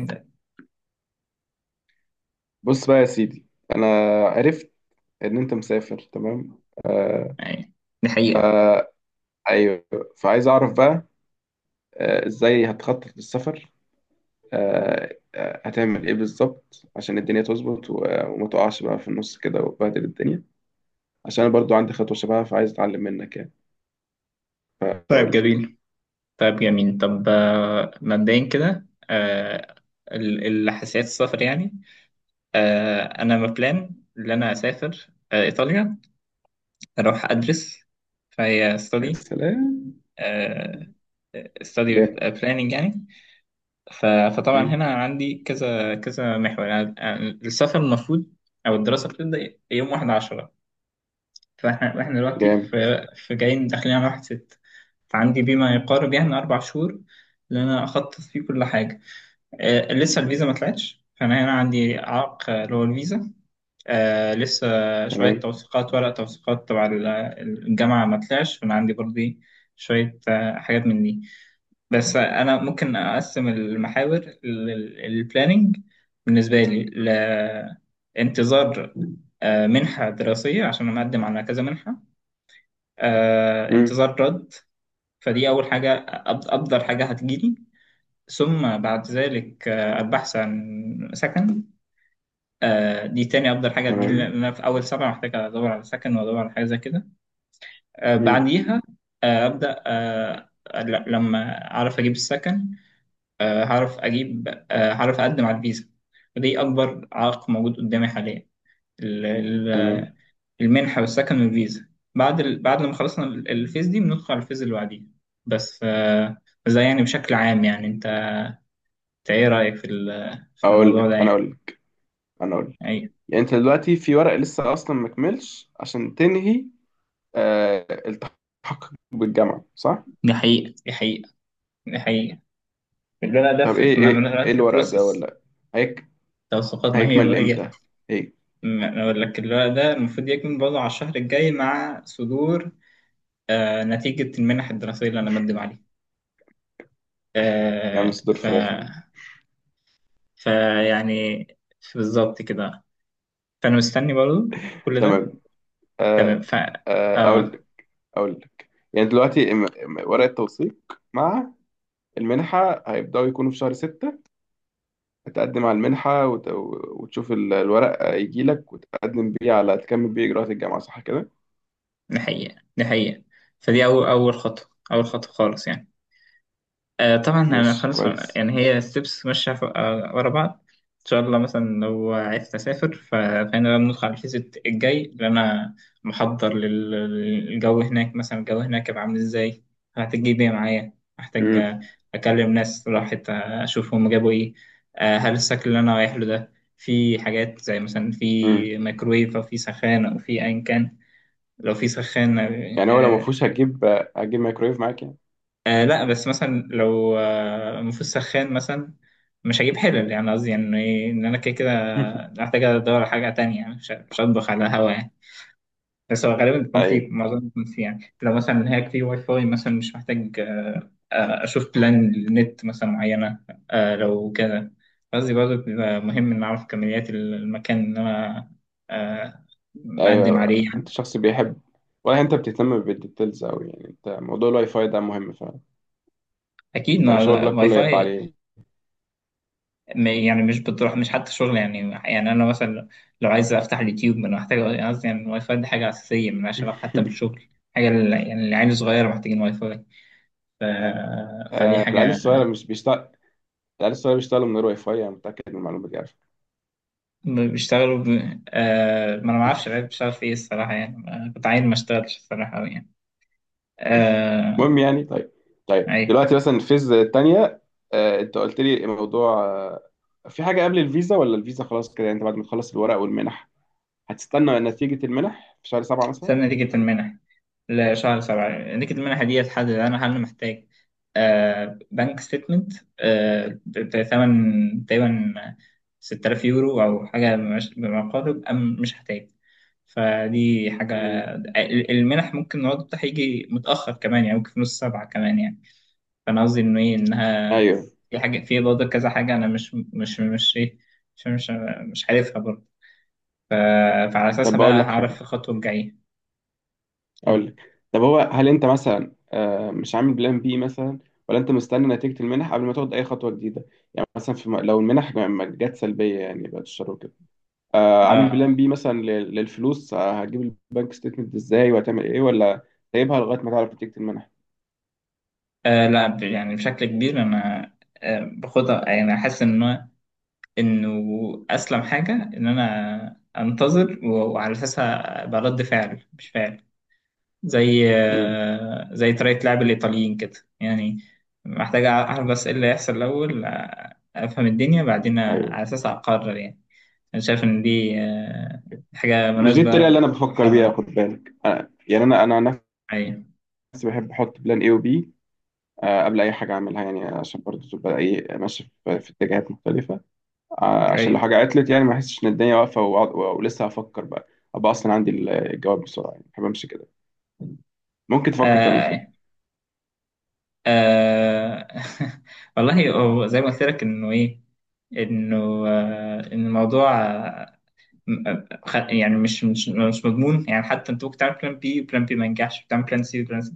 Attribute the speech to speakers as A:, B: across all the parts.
A: ده،
B: بص بقى يا سيدي، انا عرفت ان انت مسافر. تمام. آه.
A: يعني دي حقيقة.
B: فا ايوه. فعايز اعرف بقى ازاي هتخطط للسفر. هتعمل ايه بالظبط عشان الدنيا تظبط وما تقعش بقى في النص كده وتبهدل الدنيا، عشان انا برضو عندي خطوة شبهها فعايز اتعلم منك يعني. فقول
A: طيب
B: لي.
A: جميل، طب مبدئيا كده، الحساسيات السفر يعني. أنا مبلان إن أنا أسافر إيطاليا أروح أدرس، فهي
B: يا
A: ستادي،
B: سلام.
A: ستادي
B: جامد.
A: بلاننج يعني. ف- فطبعا
B: مم.
A: هنا عندي كذا كذا محور، يعني السفر المفروض أو الدراسة بتبدأ يوم 1/10. فاحنا واحنا دلوقتي
B: جامد.
A: في جايين داخلين على 1/6، فعندي بيه ما يقارب يعني 4 شهور اللي أنا أخطط فيه كل حاجة. آه، لسه الفيزا ما طلعتش، فأنا هنا عندي عائق، اللي هو الفيزا. آه لسه شوية
B: تمام.
A: توثيقات، ورق توثيقات تبع الجامعة ما طلعش، فأنا عندي برضه إيه، شوية حاجات من دي. بس أنا ممكن أقسم المحاور، البلاننج بالنسبة لي لانتظار منحة دراسية، عشان أنا مقدم على كذا منحة.
B: مم.
A: انتظار رد، فدي أول حاجة، أفضل حاجة هتجيلي. ثم بعد ذلك البحث عن سكن، دي تاني أفضل حاجة هتجيلي،
B: تمام.
A: لأن أنا في أول سبعة محتاج أدور على سكن وأدور على حاجة زي كده.
B: مم.
A: بعديها آه، أبدأ آه، لما أعرف أجيب السكن، هعرف أجيب، هعرف أقدم على الفيزا، ودي أكبر عائق موجود قدامي حاليا:
B: تمام.
A: المنحة والسكن والفيزا. بعد لما خلصنا الفيز دي، بندخل على الفيز اللي بعديها. بس ف... بس ده يعني بشكل عام. يعني انت، انت ايه رأيك في
B: اقول
A: الموضوع ده
B: لك انا
A: يعني؟
B: اقول لك اقول لك.
A: ايوه.
B: يعني انت دلوقتي في ورق لسه اصلا مكملش عشان تنهي التحق بالجامعة، صح؟
A: دي حقيقة دي حقيقة. الورق ده
B: طب ايه ايه ايه
A: في
B: الورق ده،
A: بروسس
B: ولا هيك
A: توثيقات. ما هي
B: هيكمل
A: ما هي
B: امتى؟ ايه،
A: ما- أنا اقول لك، الورق ده المفروض يكمل برضه على الشهر الجاي، مع صدور آه نتيجة المنح الدراسية اللي انا بقدم عليها.
B: يعني
A: آه
B: صدور
A: ف...
B: فراخ يعني؟
A: فيعني بالظبط كده، فانا مستني برضه كل ده.
B: تمام.
A: تمام.
B: آه.
A: ف
B: اقول
A: اه،
B: لك. اقول لك يعني دلوقتي ورق التوثيق مع المنحة هيبدأوا يكونوا في شهر ستة. تقدم على المنحة وتشوف الورق يجي لك وتقدم بيه على تكمل بيه إجراءات الجامعة، صح كده؟
A: دي حقيقة دي حقيقة. فدي أول خطوة، أول خطوة خالص يعني. آه، طبعا أنا
B: ماشي،
A: خلاص
B: كويس.
A: يعني، هي ستيبس ماشية ورا بعض. إن شاء الله مثلا لو عرفت أسافر، ف- فأنا لما ندخل على الفيزيت الجاي اللي أنا محضر للجو هناك، مثلا الجو هناك هيبقى عامل إزاي، هحتاج أجيب إيه معايا. محتاج
B: امم.
A: أكلم ناس راحت، أشوف هم جابوا إيه. هل السكن اللي أنا رايح له ده في حاجات زي مثلا
B: امم.
A: في ميكرويف أو في سخان أو في أيا كان. لو في سخان
B: يعني هو لو ما
A: آه.
B: فيهوش هتجيب، هتجيب مايكرويف معاك يعني؟
A: لا، بس مثلا لو آه مفيش سخان مثلا، مش هجيب حلل يعني، قصدي يعني إيه، ان انا كده كده محتاج ادور على حاجه تانية يعني. مش هطبخ على هوا يعني. بس هو غالبا بيكون فيه،
B: ايوه.
A: معظم بيكون فيه يعني. لو مثلا هيك في واي فاي مثلا مش محتاج آه اشوف بلان للنت مثلا معينه. آه لو كده، قصدي برضه بيبقى مهم ان اعرف كميات المكان اللي انا آه مقدم
B: ايوه،
A: عليه يعني.
B: انت شخص بيحب ولا انت بتهتم بالديتيلز اوي؟ يعني انت موضوع الواي فاي ده مهم فعلا؟
A: اكيد،
B: انت
A: ما
B: شغلك
A: واي
B: كله يبقى
A: فاي!
B: عليه.
A: يعني مش بتروح، مش حتى شغل يعني. يعني انا مثلا لو عايز افتح اليوتيوب، ما انا محتاج، قصدي يعني الواي فاي دي حاجه اساسيه ملهاش علاقه حتى بالشغل. حاجه يعني العيال الصغيره محتاجين واي فاي. ف... فدي
B: آه، العيال
A: حاجه.
B: الصغيرة مش بيشتغل. العيال الصغيرة بيشتغلوا من غير واي فاي، انا متأكد من المعلومة دي على فكرة.
A: ب- بيشتغلوا ب... ما انا ما اعرفش العيال بتشتغل في ايه الصراحه يعني. كنت عايز ما اشتغلش الصراحه قوي يعني. آه...
B: المهم، يعني طيب. طيب
A: اي.
B: دلوقتي مثلا الفيز التانية، انت قلت لي موضوع في حاجة قبل الفيزا، ولا الفيزا خلاص كده؟ يعني انت بعد ما تخلص الورق والمنح هتستنى نتيجة المنح في شهر سبعة مثلا؟
A: سنه نتيجه المنح؟ لا، شهر سبعة. نكت المنحة دي هتحدد أنا هل أنا محتاج بنك ستيتمنت بثمن تقريبا 6000 يورو أو حاجة بما قارب، أم مش هحتاج. فدي حاجة.
B: امم.
A: المنح ممكن العرض بتاعها يجي متأخر كمان يعني، ممكن في نص سبعة كمان يعني. فأنا قصدي إنه إيه، إنها
B: ايوه.
A: في حاجة، في برضه كذا حاجة أنا مش إيه، مش مش مش عارفها برضه. ف- فعلى
B: طب
A: أساسها
B: بقول
A: بقى
B: لك
A: هعرف
B: حاجة.
A: في الخطوة الجاية.
B: اقول لك. طب هو هل انت مثلا مش عامل بلان بي مثلا، ولا انت مستني نتيجة المنح قبل ما تاخد اي خطوة جديدة؟ يعني مثلا في لو المنح ما جت سلبية يعني، بعد الشر وكده، عامل
A: قول.
B: بلان بي مثلا للفلوس، هتجيب البنك ستيتمنت ازاي وهتعمل ايه، ولا سايبها لغاية ما تعرف نتيجة المنح؟
A: آه لا، يعني بشكل كبير انا باخدها يعني. احس ان انه اسلم حاجه ان انا انتظر، و- وعلى اساسها أبقى رد فعل مش فعل، زي
B: امم.
A: آه زي طريقه لعب الايطاليين كده يعني. محتاج اعرف بس ايه اللي هيحصل الاول، افهم الدنيا بعدين
B: ايوه.
A: على اساسها اقرر يعني. انا شايف ان دي آه حاجه
B: مش دي
A: مناسبه
B: الطريقة اللي انا بفكر بيها،
A: للمرحله.
B: خد بالك. أنا يعني انا عن
A: ايوه،
B: نفسي بحب احط بلان اي وبي قبل اي حاجة اعملها، يعني عشان برضه تبقى ايه، ماشي في اتجاهات مختلفة. عشان لو
A: ايوه.
B: حاجة عطلت يعني ما احسش ان الدنيا واقفة ولسه هفكر بقى، ابقى اصلا عندي الجواب بسرعة. يعني بحب امشي كده. ممكن تفكر تعمل
A: آه،
B: كده.
A: آه، والله هو زي ما قلت لك، انه ايه، انه إن الموضوع يعني مش مضمون يعني. حتى انت ممكن تعمل بلان بي، بلان بي ما ينجحش، بتعمل بلان سي، بلان سي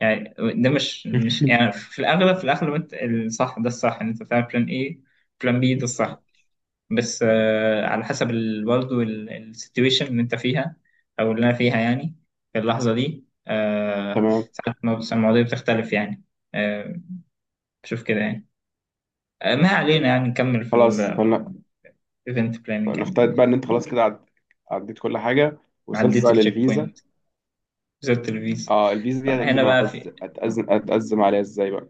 A: يعني. ده مش يعني. في الاغلب في الاغلب انت الصح، ده الصح ان انت تعمل بلان اي، بلان بي، ده الصح. بس على حسب برضه السيتويشن اللي انت فيها او اللي انا فيها يعني، في اللحظه دي.
B: تمام.
A: ساعات المواضيع بتختلف يعني. آه، بشوف كده يعني. ما علينا، يعني نكمل في
B: خلاص
A: الايفنت بلاننج.
B: فنفترض بقى ان انت خلاص كده عديت كل حاجة، وصلت
A: عديت
B: بقى
A: التشيك
B: للفيزا.
A: بوينت، وصلت الفيزا.
B: اه الفيزا دي
A: فهنا
B: هتقدم عليها
A: بقى
B: ازاي؟
A: في،
B: هتقزم عليها ازاي بقى؟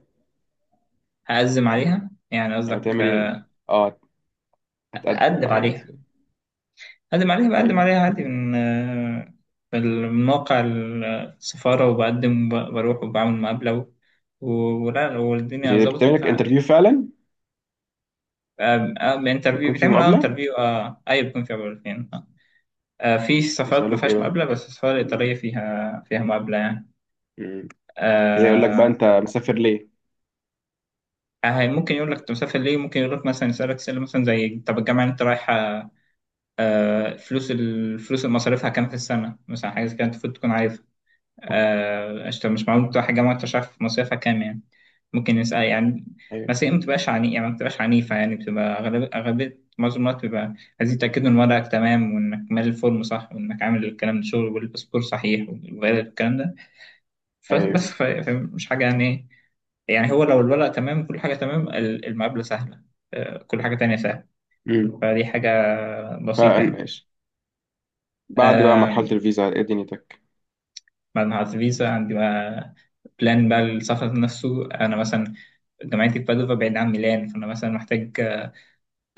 A: هقدم عليها. يعني
B: يعني
A: قصدك
B: تعمل ايه؟ اه، هتقدم
A: اقدم
B: عليها
A: عليها؟
B: ازاي؟
A: اقدم عليها، بقدم
B: ايوه.
A: عليها عادي من من موقع السفارة، وبقدم وبروح وبعمل مقابلة. و... ولا والدنيا ظبطت،
B: بتعمل لك
A: انترفيو.
B: انترفيو فعلا؟ بيكون في
A: بيتعمل اه
B: مقابلة؟
A: انترفيو، اه ايوه، بيكون فيها مقابلتين اه. في سفارات ما
B: يسألوك ايه
A: فيهاش
B: بقى؟
A: مقابلة، بس السفارة الإيطالية فيها مقابلة يعني.
B: مم. كده يقول لك بقى
A: آه...
B: انت مسافر ليه؟
A: ممكن يقول لك انت مسافر ليه، ممكن يقول لك مثلا، يسألك سؤال مثلا زي طب الجامعة اللي انت رايحة، آه، فلوس الفلوس اللي مصاريفها كام في السنة مثلا، حاجة زي كده أنت المفروض تكون عارف. أنت مش معقول تروح الجامعة وأنت مش عارف مصاريفها كام يعني. ممكن يسأل يعني.
B: ايوه.
A: بس هي ما بتبقاش عني يعني، ما بتبقاش عنيفة يعني. بتبقى أغلب، أغلبية معظم الوقت بيبقى عايزين يتأكدوا إن ورقك تمام، وإنك مالي الفورم صح، وإنك عامل الكلام ده شغل، والباسبور صحيح والفيزا والكلام ده.
B: ايوه.
A: فبس ف- فمش حاجة يعني إيه. يعني هو لو الورق تمام، كل حاجة تمام، المقابلة سهلة. كل حاجة تانية سهلة. فدي حاجة بسيطة
B: امم. بعد بقى مرحلة
A: يعني.
B: الفيزا، على ايه دنيتك؟
A: بعد ما حجزت فيزا عندي بقى، بلان بقى السفر نفسه. أنا مثلا جامعتي في بادوفا، بعيد عن ميلان، فأنا مثلا محتاج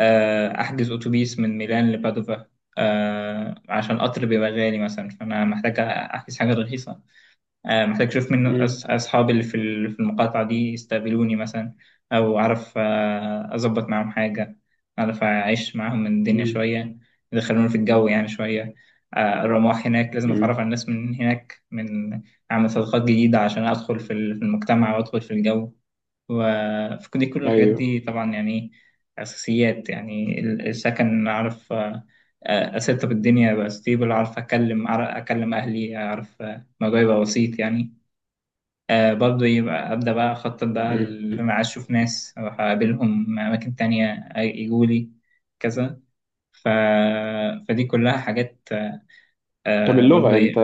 A: أحجز أتوبيس من ميلان لبادوفا، عشان القطر بيبقى غالي مثلا، فأنا محتاج أحجز حاجة رخيصة. محتاج أشوف منه
B: مم.
A: أصحابي اللي في في المقاطعة دي يستقبلوني مثلا، أو أعرف أظبط معاهم حاجة، أعرف أعيش معاهم من الدنيا
B: مم.
A: شوية، يدخلوني في الجو يعني شوية. الرماح هناك لازم أتعرف
B: مم.
A: على الناس من هناك، من أعمل صداقات جديدة عشان أدخل في في المجتمع وأدخل في الجو. وفي كل دي، كل الحاجات
B: ايوه.
A: دي طبعا يعني أساسيات. يعني السكن أعرف أسيطر الدنيا، أبقى ستيبل، أعرف أكلم أهلي، أعرف الموضوع يبقى بسيط يعني. آه برضه يبقى أبدأ بقى أخطط بقى
B: مم.
A: اللي أنا عايز، أشوف ناس أروح أقابلهم، أماكن تانية يجوا لي، كذا. ف... فدي كلها حاجات
B: طب
A: آه برضه
B: اللغة، انت
A: إيه.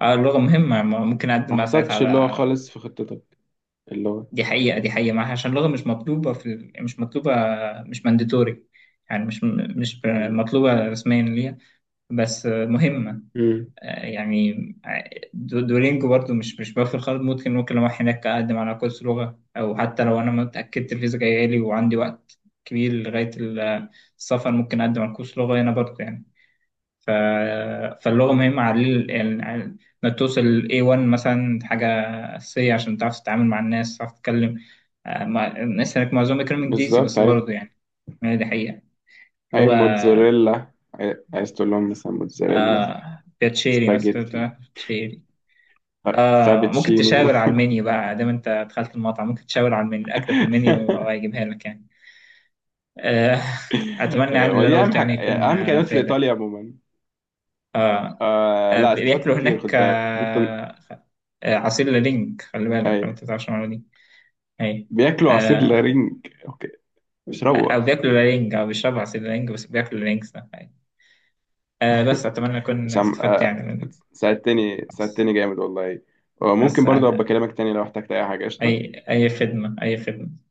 A: آه، اللغة مهمة، ما ممكن أقدم
B: ما
A: بقى ساعتها
B: حسبتش اللغة
A: على،
B: خالص في خطتك؟ اللغة.
A: دي حقيقة، دي حقيقة معاها. عشان اللغة مش مطلوبة في مش مطلوبة، مش مانديتوري يعني. مش مطلوبة رسميا ليها، بس مهمة
B: مم.
A: يعني. دولينجو برضو مش بوفر خالص. ممكن، ممكن لو أروح هناك أقدم على كورس لغة، أو حتى لو أنا ما اتأكدت الفيزا جاية لي وعندي وقت كبير لغاية السفر، ممكن أقدم على كورس لغة هنا برضو يعني. ف... فاللغة مهمة على يعني ما توصل ل A1 مثلا. حاجة أساسية، عشان تعرف تتعامل مع الناس، تعرف تتكلم مع الناس هناك. معظمهم بيتكلموا إنجليزي
B: بالظبط.
A: بس
B: اي.
A: برضو يعني، يعني دي حقيقة
B: اي،
A: لغة.
B: موتزاريلا. عايز تقول لهم مثلا موتزاريلا،
A: بيتشيري
B: سباجيتي،
A: مثلا.
B: ف-
A: آه، ممكن
B: فابتشينو.
A: تشاور على المنيو بقى دام انت دخلت المطعم، ممكن تشاور على المنيو، الاكل في المنيو وهو هيجيبها لك يعني. آه اتمنى
B: إيه،
A: يعني اللي انا
B: ودي اهم
A: قلته
B: حاجة،
A: يعني يكون
B: اهم
A: آه
B: كلمات في الايطاليا
A: فادك.
B: عموما.
A: آه،
B: لا، استفدت
A: بياكلوا
B: كتير
A: هناك
B: خد بالك. كنت ليه
A: آه، عصير لالينج، خلي بالك
B: اي.
A: لو انت تعرفش المعلومه دي. اي.
B: بياكلوا عصير
A: آه،
B: لارنج، اوكي. اشربوا
A: او
B: بقى.
A: بياكلوا لالينج، او بيشربوا عصير لالينج، بس بياكلوا لالينج ده أي. آه بس اتمنى اكون
B: هشام،
A: استفدت يعني من،
B: ساعدتني
A: بس،
B: ساعدتني جامد والله. ممكن
A: بس
B: برضه ابقى
A: انا
B: اكلمك تاني لو احتجت اي حاجة،
A: اي.
B: قشطة؟
A: اي خدمه، اي خدمه.